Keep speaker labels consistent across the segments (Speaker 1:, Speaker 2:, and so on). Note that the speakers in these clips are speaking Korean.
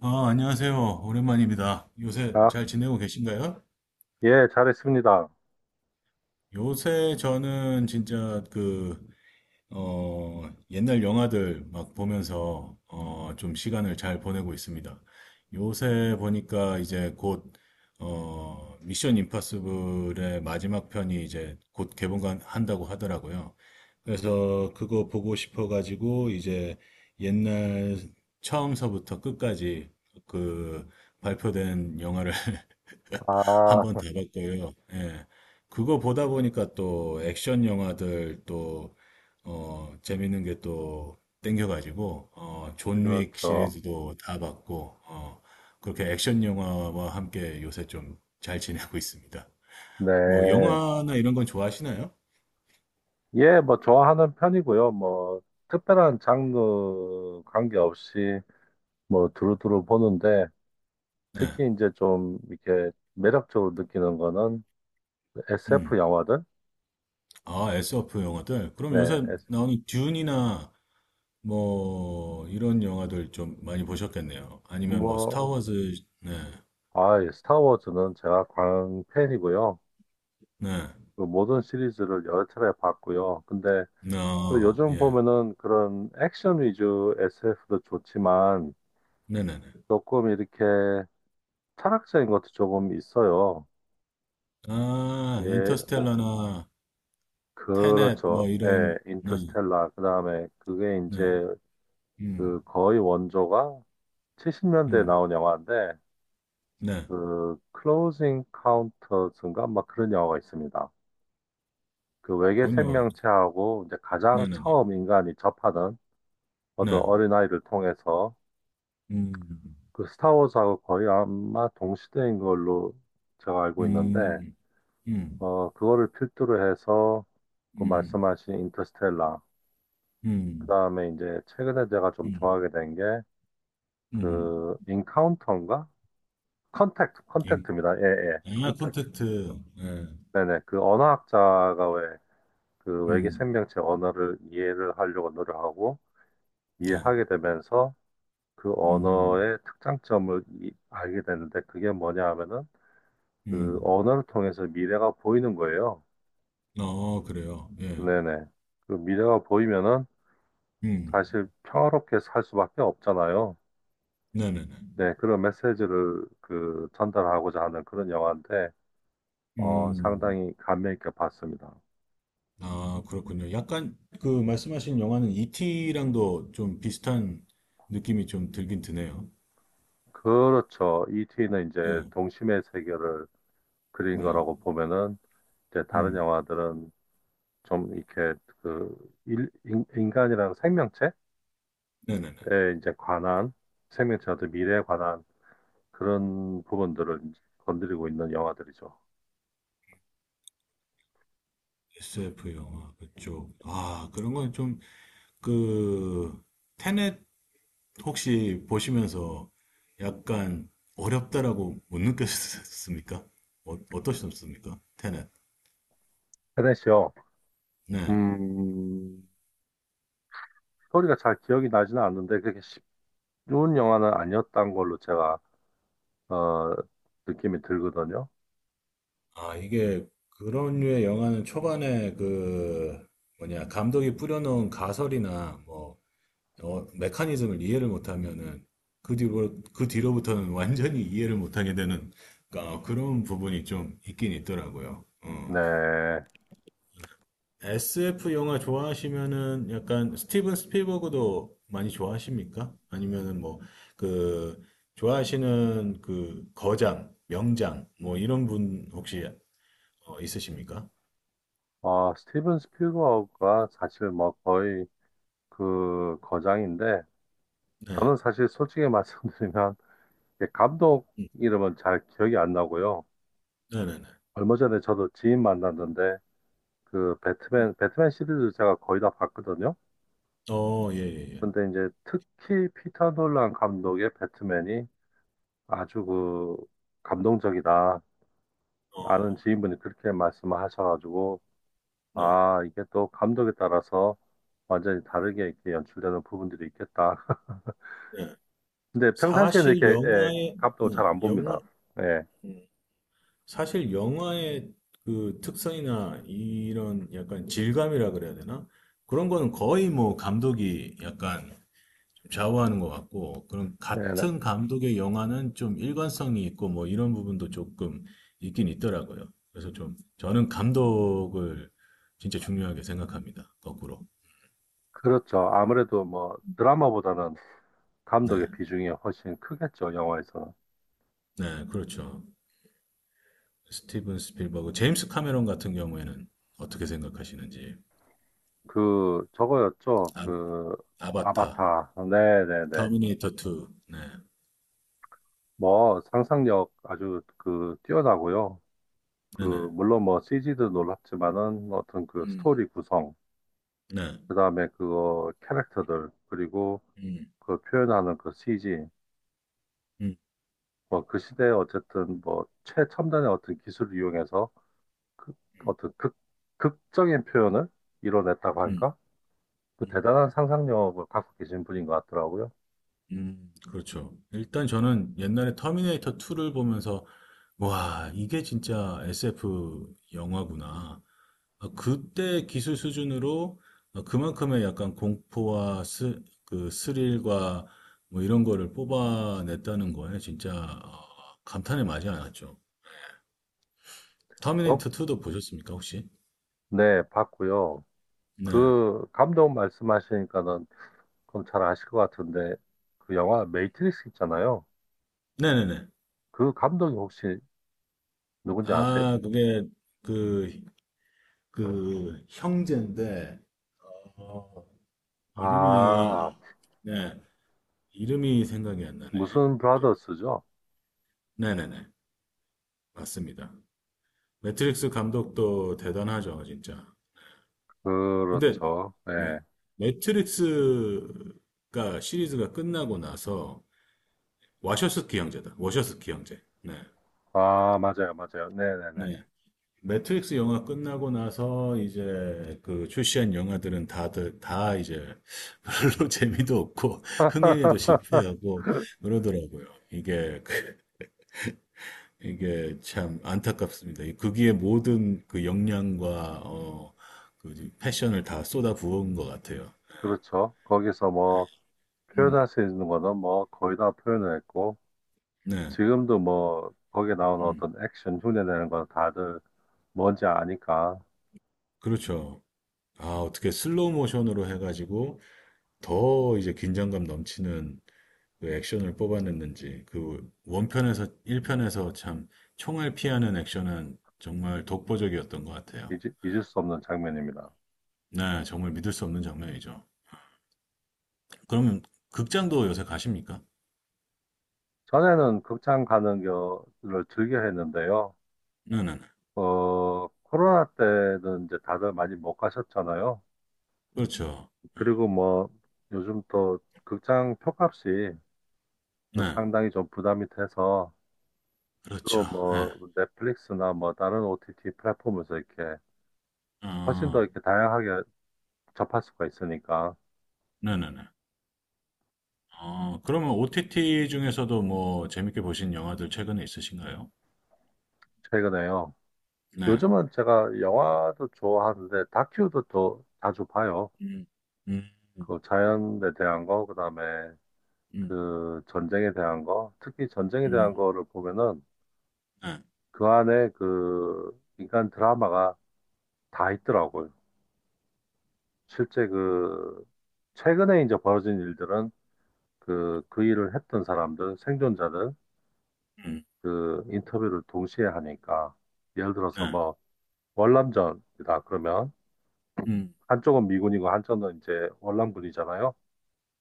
Speaker 1: 아, 안녕하세요. 오랜만입니다. 요새
Speaker 2: 아,
Speaker 1: 잘 지내고 계신가요?
Speaker 2: 예, 잘했습니다.
Speaker 1: 요새 저는 진짜 옛날 영화들 막 보면서, 좀 시간을 잘 보내고 있습니다. 요새 보니까 이제 곧, 미션 임파서블의 마지막 편이 이제 곧 개봉한다고 하더라고요. 그래서 그거 보고 싶어가지고 이제 옛날 처음서부터 끝까지 그 발표된 영화를 한번
Speaker 2: 아,
Speaker 1: 다 봤고요. 예. 그거 보다 보니까 또 액션 영화들 또, 재밌는 게 또 땡겨가지고, 존윅
Speaker 2: 그렇죠.
Speaker 1: 시리즈도 다 봤고, 그렇게 액션 영화와 함께 요새 좀 잘 지내고 있습니다. 뭐,
Speaker 2: 네.
Speaker 1: 영화나 이런 건 좋아하시나요?
Speaker 2: 예, 뭐, 좋아하는 편이고요. 뭐, 특별한 장르 관계없이 뭐, 두루두루 보는데,
Speaker 1: 네.
Speaker 2: 특히 이제 좀 이렇게 매력적으로 느끼는 거는
Speaker 1: 음.
Speaker 2: SF 영화들?
Speaker 1: 아, SF 영화들. 그럼
Speaker 2: 네.
Speaker 1: 요새
Speaker 2: 에스-
Speaker 1: 나오는 듄이나 뭐, 이런 영화들 좀 많이 보셨겠네요. 아니면 뭐,
Speaker 2: 뭐,
Speaker 1: 스타워즈, 네.
Speaker 2: 아, 예, 스타워즈는 제가 광팬이고요.
Speaker 1: 네.
Speaker 2: 그 모든 시리즈를 여러 차례 봤고요. 근데 또
Speaker 1: 어,
Speaker 2: 요즘
Speaker 1: 예.
Speaker 2: 보면은 그런 액션 위주 SF도 좋지만,
Speaker 1: 네네네.
Speaker 2: 조금 이렇게 철학적인 것도 조금 있어요.
Speaker 1: 아,
Speaker 2: 예, 오,
Speaker 1: 인터스텔라나 테넷
Speaker 2: 그렇죠.
Speaker 1: 뭐
Speaker 2: 예,
Speaker 1: 이런 네.
Speaker 2: 인터스텔라. 그 다음에 그게
Speaker 1: 네.
Speaker 2: 이제 그
Speaker 1: 음.
Speaker 2: 거의 원조가 70년대에
Speaker 1: 음.
Speaker 2: 나온 영화인데
Speaker 1: 네.
Speaker 2: 그 클로징 카운터스인가 막 그런 영화가 있습니다. 그 외계
Speaker 1: 그럼요.
Speaker 2: 생명체하고 이제 가장
Speaker 1: 네네네.
Speaker 2: 처음 인간이 접하는 어떤
Speaker 1: 네.
Speaker 2: 어린아이를 통해서
Speaker 1: 음.
Speaker 2: 그 스타워즈하고 거의 아마 동시대인 걸로 제가 알고 있는데
Speaker 1: 음. 음.
Speaker 2: 그거를 필두로 해서 그
Speaker 1: 음.
Speaker 2: 말씀하신 인터스텔라.
Speaker 1: 음.
Speaker 2: 그다음에 이제 최근에 제가 좀
Speaker 1: 음.
Speaker 2: 좋아하게 된 게
Speaker 1: 음.
Speaker 2: 그 인카운터인가? 컨택트,
Speaker 1: 인-
Speaker 2: 컨택트입니다. 예, 예.
Speaker 1: 아,
Speaker 2: 컨택트.
Speaker 1: 콘텐츠. 네.
Speaker 2: 네네. 그 언어학자가 왜 그 외계
Speaker 1: 음.
Speaker 2: 생명체 언어를 이해를 하려고 노력하고
Speaker 1: 네.
Speaker 2: 이해하게 되면서 그
Speaker 1: 음.
Speaker 2: 언어의 특장점을 알게 되는데 그게 뭐냐 하면은 그
Speaker 1: 음.
Speaker 2: 언어를 통해서 미래가 보이는 거예요.
Speaker 1: 어, 그래요. 예.
Speaker 2: 네네. 그 미래가 보이면은
Speaker 1: 음.
Speaker 2: 사실 평화롭게 살 수밖에 없잖아요.
Speaker 1: 네네네.
Speaker 2: 네, 그런 메시지를 그 전달하고자 하는 그런 영화인데,
Speaker 1: 음.
Speaker 2: 상당히 감명 있게 봤습니다.
Speaker 1: 아, 그렇군요. 약간 그 말씀하신 영화는 이티랑도 좀 비슷한 느낌이 좀 들긴 드네요.
Speaker 2: 그렇죠. 이티는 이제
Speaker 1: 네,
Speaker 2: 동심의 세계를 그린
Speaker 1: 네,
Speaker 2: 거라고 보면은, 이제 다른
Speaker 1: 음,
Speaker 2: 영화들은 좀 이렇게 그 인간이라는 생명체에
Speaker 1: 네네네.
Speaker 2: 이제 관한, 생명체 어떤 미래에 관한 그런 부분들을 이제 건드리고 있는 영화들이죠.
Speaker 1: SF 영화 그쪽. 아, 그런 건 좀, 그, 테넷 혹시 보시면서 약간 어렵다라고 못 느꼈습니까? 어떠셨습니까? 테넷.
Speaker 2: 테넷이요.
Speaker 1: 네.
Speaker 2: 음, 스토리가 잘 기억이 나지는 않는데 그렇게 쉬운 영화는 아니었던 걸로 제가 어, 느낌이 들거든요.
Speaker 1: 아, 이게 그런 류의 영화는 초반에 그, 뭐냐, 감독이 뿌려놓은 가설이나 뭐, 메커니즘을 이해를 못하면은 그 뒤로 그 뒤로부터는 완전히 이해를 못하게 되는 어, 그런 부분이 좀 있긴 있더라고요. 어.
Speaker 2: 네,
Speaker 1: SF 영화 좋아하시면은 약간 스티븐 스필버그도 많이 좋아하십니까? 아니면은 뭐 그 좋아하시는 그 거장, 명장 뭐 이런 분 혹시 있으십니까?
Speaker 2: 스티븐 스필버그가 사실 뭐 거의 그 거장인데
Speaker 1: 네,
Speaker 2: 저는 사실 솔직히 말씀드리면 이게 감독
Speaker 1: 네,
Speaker 2: 이름은 잘 기억이 안 나고요.
Speaker 1: 네, 네.
Speaker 2: 얼마 전에 저도 지인 만났는데 그 배트맨 시리즈 제가 거의 다 봤거든요.
Speaker 1: 어, 예, 예, 예.
Speaker 2: 근데 이제 특히 피터 놀란 감독의 배트맨이 아주 그 감동적이다.
Speaker 1: 어,
Speaker 2: 아는 지인분이 그렇게 말씀하셔가지고
Speaker 1: 네,
Speaker 2: 아 이게 또 감독에 따라서 완전히 다르게 이렇게 연출되는 부분들이 있겠다.
Speaker 1: 네.
Speaker 2: 근데 평상시에는
Speaker 1: 사실
Speaker 2: 이렇게 예,
Speaker 1: 영화의
Speaker 2: 감독
Speaker 1: 네,
Speaker 2: 잘 안
Speaker 1: 영화
Speaker 2: 봅니다. 예,
Speaker 1: 음. 사실 영화의 그 특성이나 이런 약간 질감이라 그래야 되나? 그런 거는 거의 뭐 감독이 약간 좀 좌우하는 것 같고, 그런
Speaker 2: 네, 네.
Speaker 1: 같은 감독의 영화는 좀 일관성이 있고 뭐 이런 부분도 조금 있긴 있더라고요. 그래서 좀 저는 감독을 진짜 중요하게 생각합니다. 거꾸로.
Speaker 2: 그렇죠. 아무래도 뭐 드라마보다는
Speaker 1: 네,
Speaker 2: 감독의 비중이 훨씬 크겠죠 영화에서는.
Speaker 1: 네, 그렇죠. 스티븐 스필버그, 제임스 카메론 같은 경우에는 어떻게 생각하시는지.
Speaker 2: 그 저거였죠.
Speaker 1: 아,
Speaker 2: 그
Speaker 1: 아바타,
Speaker 2: 아바타. 네, 네, 네.
Speaker 1: 터미네이터 2. 네,
Speaker 2: 뭐 상상력 아주 그 뛰어나고요.
Speaker 1: 네네.
Speaker 2: 그 물론 뭐 CG도 놀랍지만은 어떤 그
Speaker 1: 음,
Speaker 2: 스토리 구성
Speaker 1: 네.
Speaker 2: 그다음에 그거 캐릭터들 그리고
Speaker 1: 음,
Speaker 2: 그 표현하는 그 CG
Speaker 1: 음,
Speaker 2: 뭐 그 시대에 어쨌든 뭐 최첨단의 어떤 기술을 이용해서 그 어떤 극 극적인 표현을 이뤄냈다고
Speaker 1: 음,
Speaker 2: 할까? 그
Speaker 1: 음,
Speaker 2: 대단한 상상력을 갖고 계신 분인 것 같더라고요.
Speaker 1: 그렇죠. 일단 저는 옛날에 터미네이터 2를 보면서, 와, 이게 진짜 SF 영화구나. 아, 그때 기술 수준으로 아, 그만큼의 약간 공포와 그 스릴과 뭐 이런 거를 뽑아냈다는 거에 진짜 어, 감탄에 마지 않았죠.
Speaker 2: 저?
Speaker 1: 터미네이터 2도 보셨습니까, 혹시?
Speaker 2: 네, 봤고요.
Speaker 1: 네.
Speaker 2: 그 감독 말씀하시니까는 그럼 잘 아실 것 같은데 그 영화 매트릭스 있잖아요.
Speaker 1: 네네네.
Speaker 2: 그 감독이 혹시 누군지 아세요?
Speaker 1: 아, 그게 그 그 형제인데 어,
Speaker 2: 아,
Speaker 1: 이름이 네 이름이 생각이 안 나네
Speaker 2: 무슨
Speaker 1: 갑자기
Speaker 2: 브라더스죠?
Speaker 1: 네네네 맞습니다 매트릭스 감독도 대단하죠 진짜 근데
Speaker 2: 그렇죠.
Speaker 1: 네
Speaker 2: 네.
Speaker 1: 매트릭스가 시리즈가 끝나고 나서 와셔스키 형제다 와셔스키 형제
Speaker 2: 아, 맞아요, 맞아요.
Speaker 1: 네
Speaker 2: 네네네.
Speaker 1: 네 매트릭스 영화 끝나고 나서 이제 그 출시한 영화들은 다들 다 이제 별로 재미도 없고 흥행에도 실패하고 그러더라고요. 이게 그- 이게 참 안타깝습니다. 이 거기에 모든 그 역량과 어, 그 패션을 다 쏟아 부은 것 같아요.
Speaker 2: 그렇죠. 거기서 뭐,
Speaker 1: 음,
Speaker 2: 표현할 수 있는 거는 뭐, 거의 다 표현을 했고,
Speaker 1: 네,
Speaker 2: 지금도 뭐, 거기에 나오는
Speaker 1: 음,
Speaker 2: 어떤 액션, 흉내내는 건 다들 뭔지 아니까
Speaker 1: 그렇죠. 아, 어떻게 슬로우 모션으로 해가지고 더 이제 긴장감 넘치는 그 액션을 뽑아냈는지 그 원편에서 1편에서 참 총을 피하는 액션은 정말 독보적이었던 것 같아요.
Speaker 2: 잊을 수 없는 장면입니다.
Speaker 1: 네, 정말 믿을 수 없는 장면이죠. 그러면 극장도 요새 가십니까?
Speaker 2: 전에는 극장 가는 거를 즐겨 했는데요.
Speaker 1: 네네네.
Speaker 2: 코로나 때는 이제 다들 많이 못 가셨잖아요.
Speaker 1: 그렇죠.
Speaker 2: 그리고 뭐, 요즘 또 극장 표값이 그
Speaker 1: 네,
Speaker 2: 상당히 좀 부담이 돼서
Speaker 1: 그렇죠.
Speaker 2: 주로
Speaker 1: 네.
Speaker 2: 뭐 넷플릭스나 뭐 다른 OTT 플랫폼에서 이렇게
Speaker 1: 그렇죠.
Speaker 2: 훨씬 더
Speaker 1: 예. 어,
Speaker 2: 이렇게 다양하게 접할 수가 있으니까.
Speaker 1: 네네네. 어, 그러면 OTT 중에서도 뭐 재밌게 보신 영화들 최근에 있으신가요?
Speaker 2: 최근에요.
Speaker 1: 네.
Speaker 2: 요즘은 제가 영화도 좋아하는데 다큐도 또 자주 봐요.
Speaker 1: 음, 음,
Speaker 2: 그 자연에 대한 거, 그다음에
Speaker 1: 음,
Speaker 2: 그 전쟁에 대한 거, 특히 전쟁에 대한
Speaker 1: 음,
Speaker 2: 거를 보면은
Speaker 1: 네,
Speaker 2: 그 안에 그 인간 드라마가 다 있더라고요. 실제 그 최근에 이제 벌어진 일들은 그 일을 했던 사람들, 생존자들,
Speaker 1: 음,
Speaker 2: 그 인터뷰를 동시에 하니까, 예를 들어서
Speaker 1: 네,
Speaker 2: 뭐, 월남전이다, 그러면,
Speaker 1: 음,
Speaker 2: 한쪽은 미군이고, 한쪽은 이제 월남군이잖아요.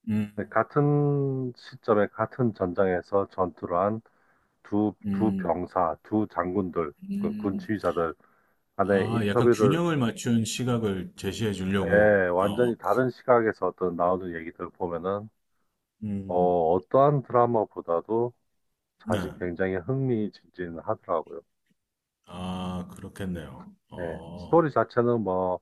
Speaker 1: 음,
Speaker 2: 근데 같은 시점에, 같은 전장에서 전투를 한 두
Speaker 1: 음,
Speaker 2: 병사, 두 장군들, 그 군
Speaker 1: 음.
Speaker 2: 지휘자들 간의
Speaker 1: 아, 약간
Speaker 2: 인터뷰를,
Speaker 1: 균형을 맞춘 시각을 제시해 주려고,
Speaker 2: 예, 완전히
Speaker 1: 어,
Speaker 2: 다른 시각에서 어떤 나오는 얘기들 보면은,
Speaker 1: 음,
Speaker 2: 어떠한 드라마보다도
Speaker 1: 네.
Speaker 2: 사실 굉장히 흥미진진하더라고요.
Speaker 1: 아, 그렇겠네요.
Speaker 2: 네,
Speaker 1: 어,
Speaker 2: 스토리 자체는 뭐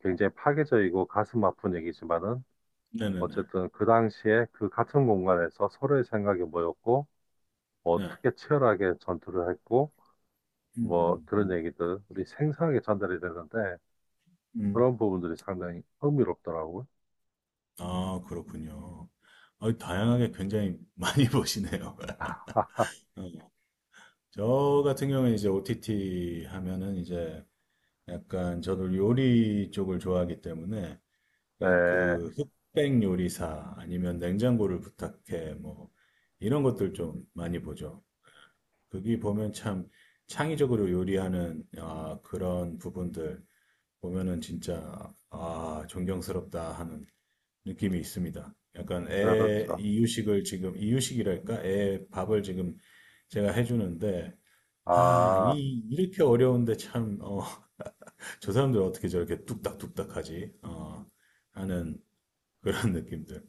Speaker 2: 굉장히 파괴적이고 가슴 아픈 얘기지만은
Speaker 1: 네네네.
Speaker 2: 어쨌든 그 당시에 그 같은 공간에서 서로의 생각이 뭐였고 뭐
Speaker 1: 네.
Speaker 2: 어떻게 치열하게 전투를 했고 뭐
Speaker 1: 음,
Speaker 2: 그런
Speaker 1: 음,
Speaker 2: 얘기들 우리 생생하게 전달이 되는데
Speaker 1: 음.
Speaker 2: 그런 부분들이 상당히 흥미롭더라고요.
Speaker 1: 아, 그렇군요. 어, 다양하게 굉장히 많이 보시네요. 어. 저 같은 경우에 이제 OTT 하면은 이제 약간 저도 요리 쪽을 좋아하기 때문에 예,
Speaker 2: 네,
Speaker 1: 그 흑백 요리사 아니면 냉장고를 부탁해 뭐 이런 것들 좀 많이 보죠. 거기 보면 참 창의적으로 요리하는 아, 그런 부분들 보면은 진짜 아, 존경스럽다 하는 느낌이 있습니다. 약간 애
Speaker 2: 그렇죠.
Speaker 1: 이유식을 지금 이유식이랄까? 애 밥을 지금 제가 해주는데 아,
Speaker 2: 아,
Speaker 1: 이 이렇게 어려운데 참 어, 저 사람들 어떻게 저렇게 뚝딱뚝딱 하지? 어, 하는 그런 느낌들.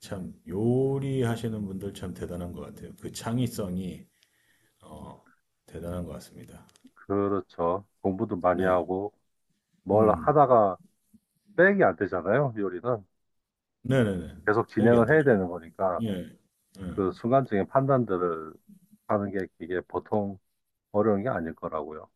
Speaker 1: 참 요리하시는 분들 참 대단한 것 같아요. 그 창의성이 어, 대단한 것 같습니다.
Speaker 2: 그렇죠. 공부도 많이
Speaker 1: 네.
Speaker 2: 하고 뭘
Speaker 1: 음.
Speaker 2: 하다가 백이 안 되잖아요, 요리는.
Speaker 1: 네네네.
Speaker 2: 계속
Speaker 1: 빼기 안
Speaker 2: 진행을 해야
Speaker 1: 되죠.
Speaker 2: 되는 거니까.
Speaker 1: 예. 예.
Speaker 2: 그 순간적인 판단들을 하는 게 이게 보통 어려운 게 아닐 거라고요.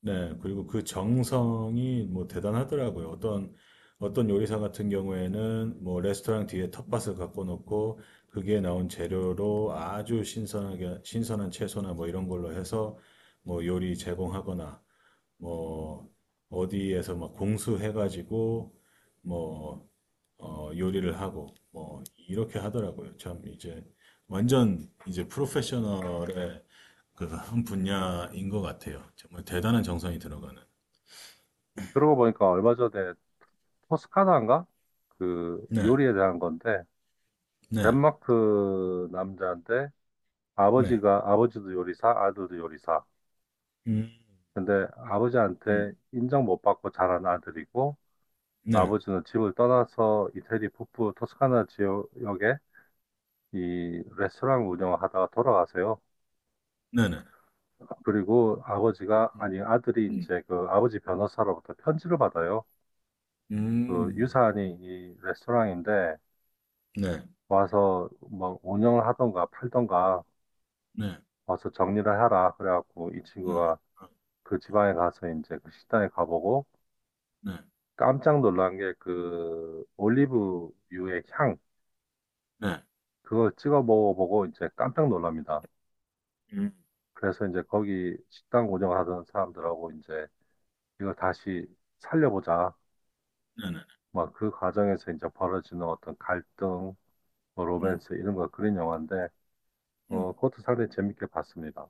Speaker 1: 네. 그리고 그 정성이 뭐 대단하더라고요. 어떤, 어떤 요리사 같은 경우에는 뭐 레스토랑 뒤에 텃밭을 갖고 놓고 그게 나온 재료로 아주 신선하게, 신선한 채소나 뭐 이런 걸로 해서 뭐 요리 제공하거나 뭐 어디에서 막 공수해가지고 뭐 어, 요리를 하고 뭐 이렇게 하더라고요. 참 이제 완전 이제 프로페셔널의 그 한 분야인 것 같아요. 정말 대단한 정성이 들어가는.
Speaker 2: 그러고 보니까 얼마 전에 토스카나인가? 그
Speaker 1: 네,
Speaker 2: 요리에 대한 건데
Speaker 1: 네,
Speaker 2: 덴마크 남자인데
Speaker 1: 네,
Speaker 2: 아버지가 아버지도 요리사, 아들도 요리사.
Speaker 1: 음,
Speaker 2: 근데 아버지한테
Speaker 1: 음,
Speaker 2: 인정 못 받고 자란 아들이고
Speaker 1: 네,
Speaker 2: 아버지는 집을 떠나서 이태리 북부 토스카나 지역에 이 레스토랑 운영을 하다가 돌아가세요.
Speaker 1: 네, 네,
Speaker 2: 그리고 아버지가,
Speaker 1: 음,
Speaker 2: 아니, 아들이
Speaker 1: 음,
Speaker 2: 이제 그 아버지 변호사로부터 편지를 받아요. 그
Speaker 1: 음,
Speaker 2: 유사한이 이 레스토랑인데
Speaker 1: 네,
Speaker 2: 와서 뭐 운영을 하던가 팔던가
Speaker 1: 네,
Speaker 2: 와서 정리를 하라. 그래갖고 이
Speaker 1: 네,
Speaker 2: 친구가
Speaker 1: 어,
Speaker 2: 그 지방에 가서 이제 그 식당에 가보고
Speaker 1: 네,
Speaker 2: 깜짝 놀란 게 그 올리브유의 향,
Speaker 1: 네,
Speaker 2: 그걸 찍어 먹어보고 이제 깜짝 놀랍니다.
Speaker 1: 음,
Speaker 2: 그래서 이제 거기 식당 운영하던 사람들하고 이제 이걸 다시 살려보자
Speaker 1: 네, 네, 네,
Speaker 2: 막 그 과정에서 이제 벌어지는 어떤 갈등, 뭐
Speaker 1: 음,
Speaker 2: 로맨스 이런 거 그런 영화인데
Speaker 1: 음,
Speaker 2: 그것도 상당히 재밌게 봤습니다.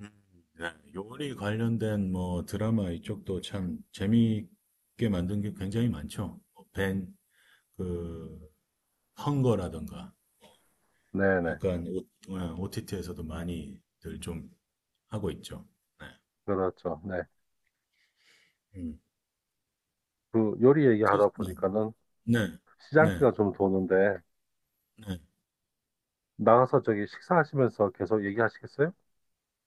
Speaker 1: 음, 네. 요리 관련된 뭐 드라마 이쪽도 참 재미있게 만든 게 굉장히 많죠. 벤, 그 헝거라던가
Speaker 2: 네네
Speaker 1: 약간 OTT에서도 많이들 좀 하고 있죠. 네.
Speaker 2: 그렇죠. 네.
Speaker 1: 음.
Speaker 2: 그 요리 얘기하다
Speaker 1: 네.
Speaker 2: 보니까는
Speaker 1: 네. 네.
Speaker 2: 시장기가 좀 도는데
Speaker 1: 네.
Speaker 2: 나가서 저기 식사하시면서 계속 얘기하시겠어요?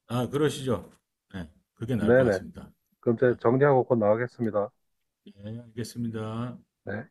Speaker 1: 아, 그러시죠. 네. 그게 나을 것
Speaker 2: 네네.
Speaker 1: 같습니다.
Speaker 2: 그럼 제가
Speaker 1: 네.
Speaker 2: 정리하고 곧 나가겠습니다.
Speaker 1: 네, 알겠습니다.
Speaker 2: 네.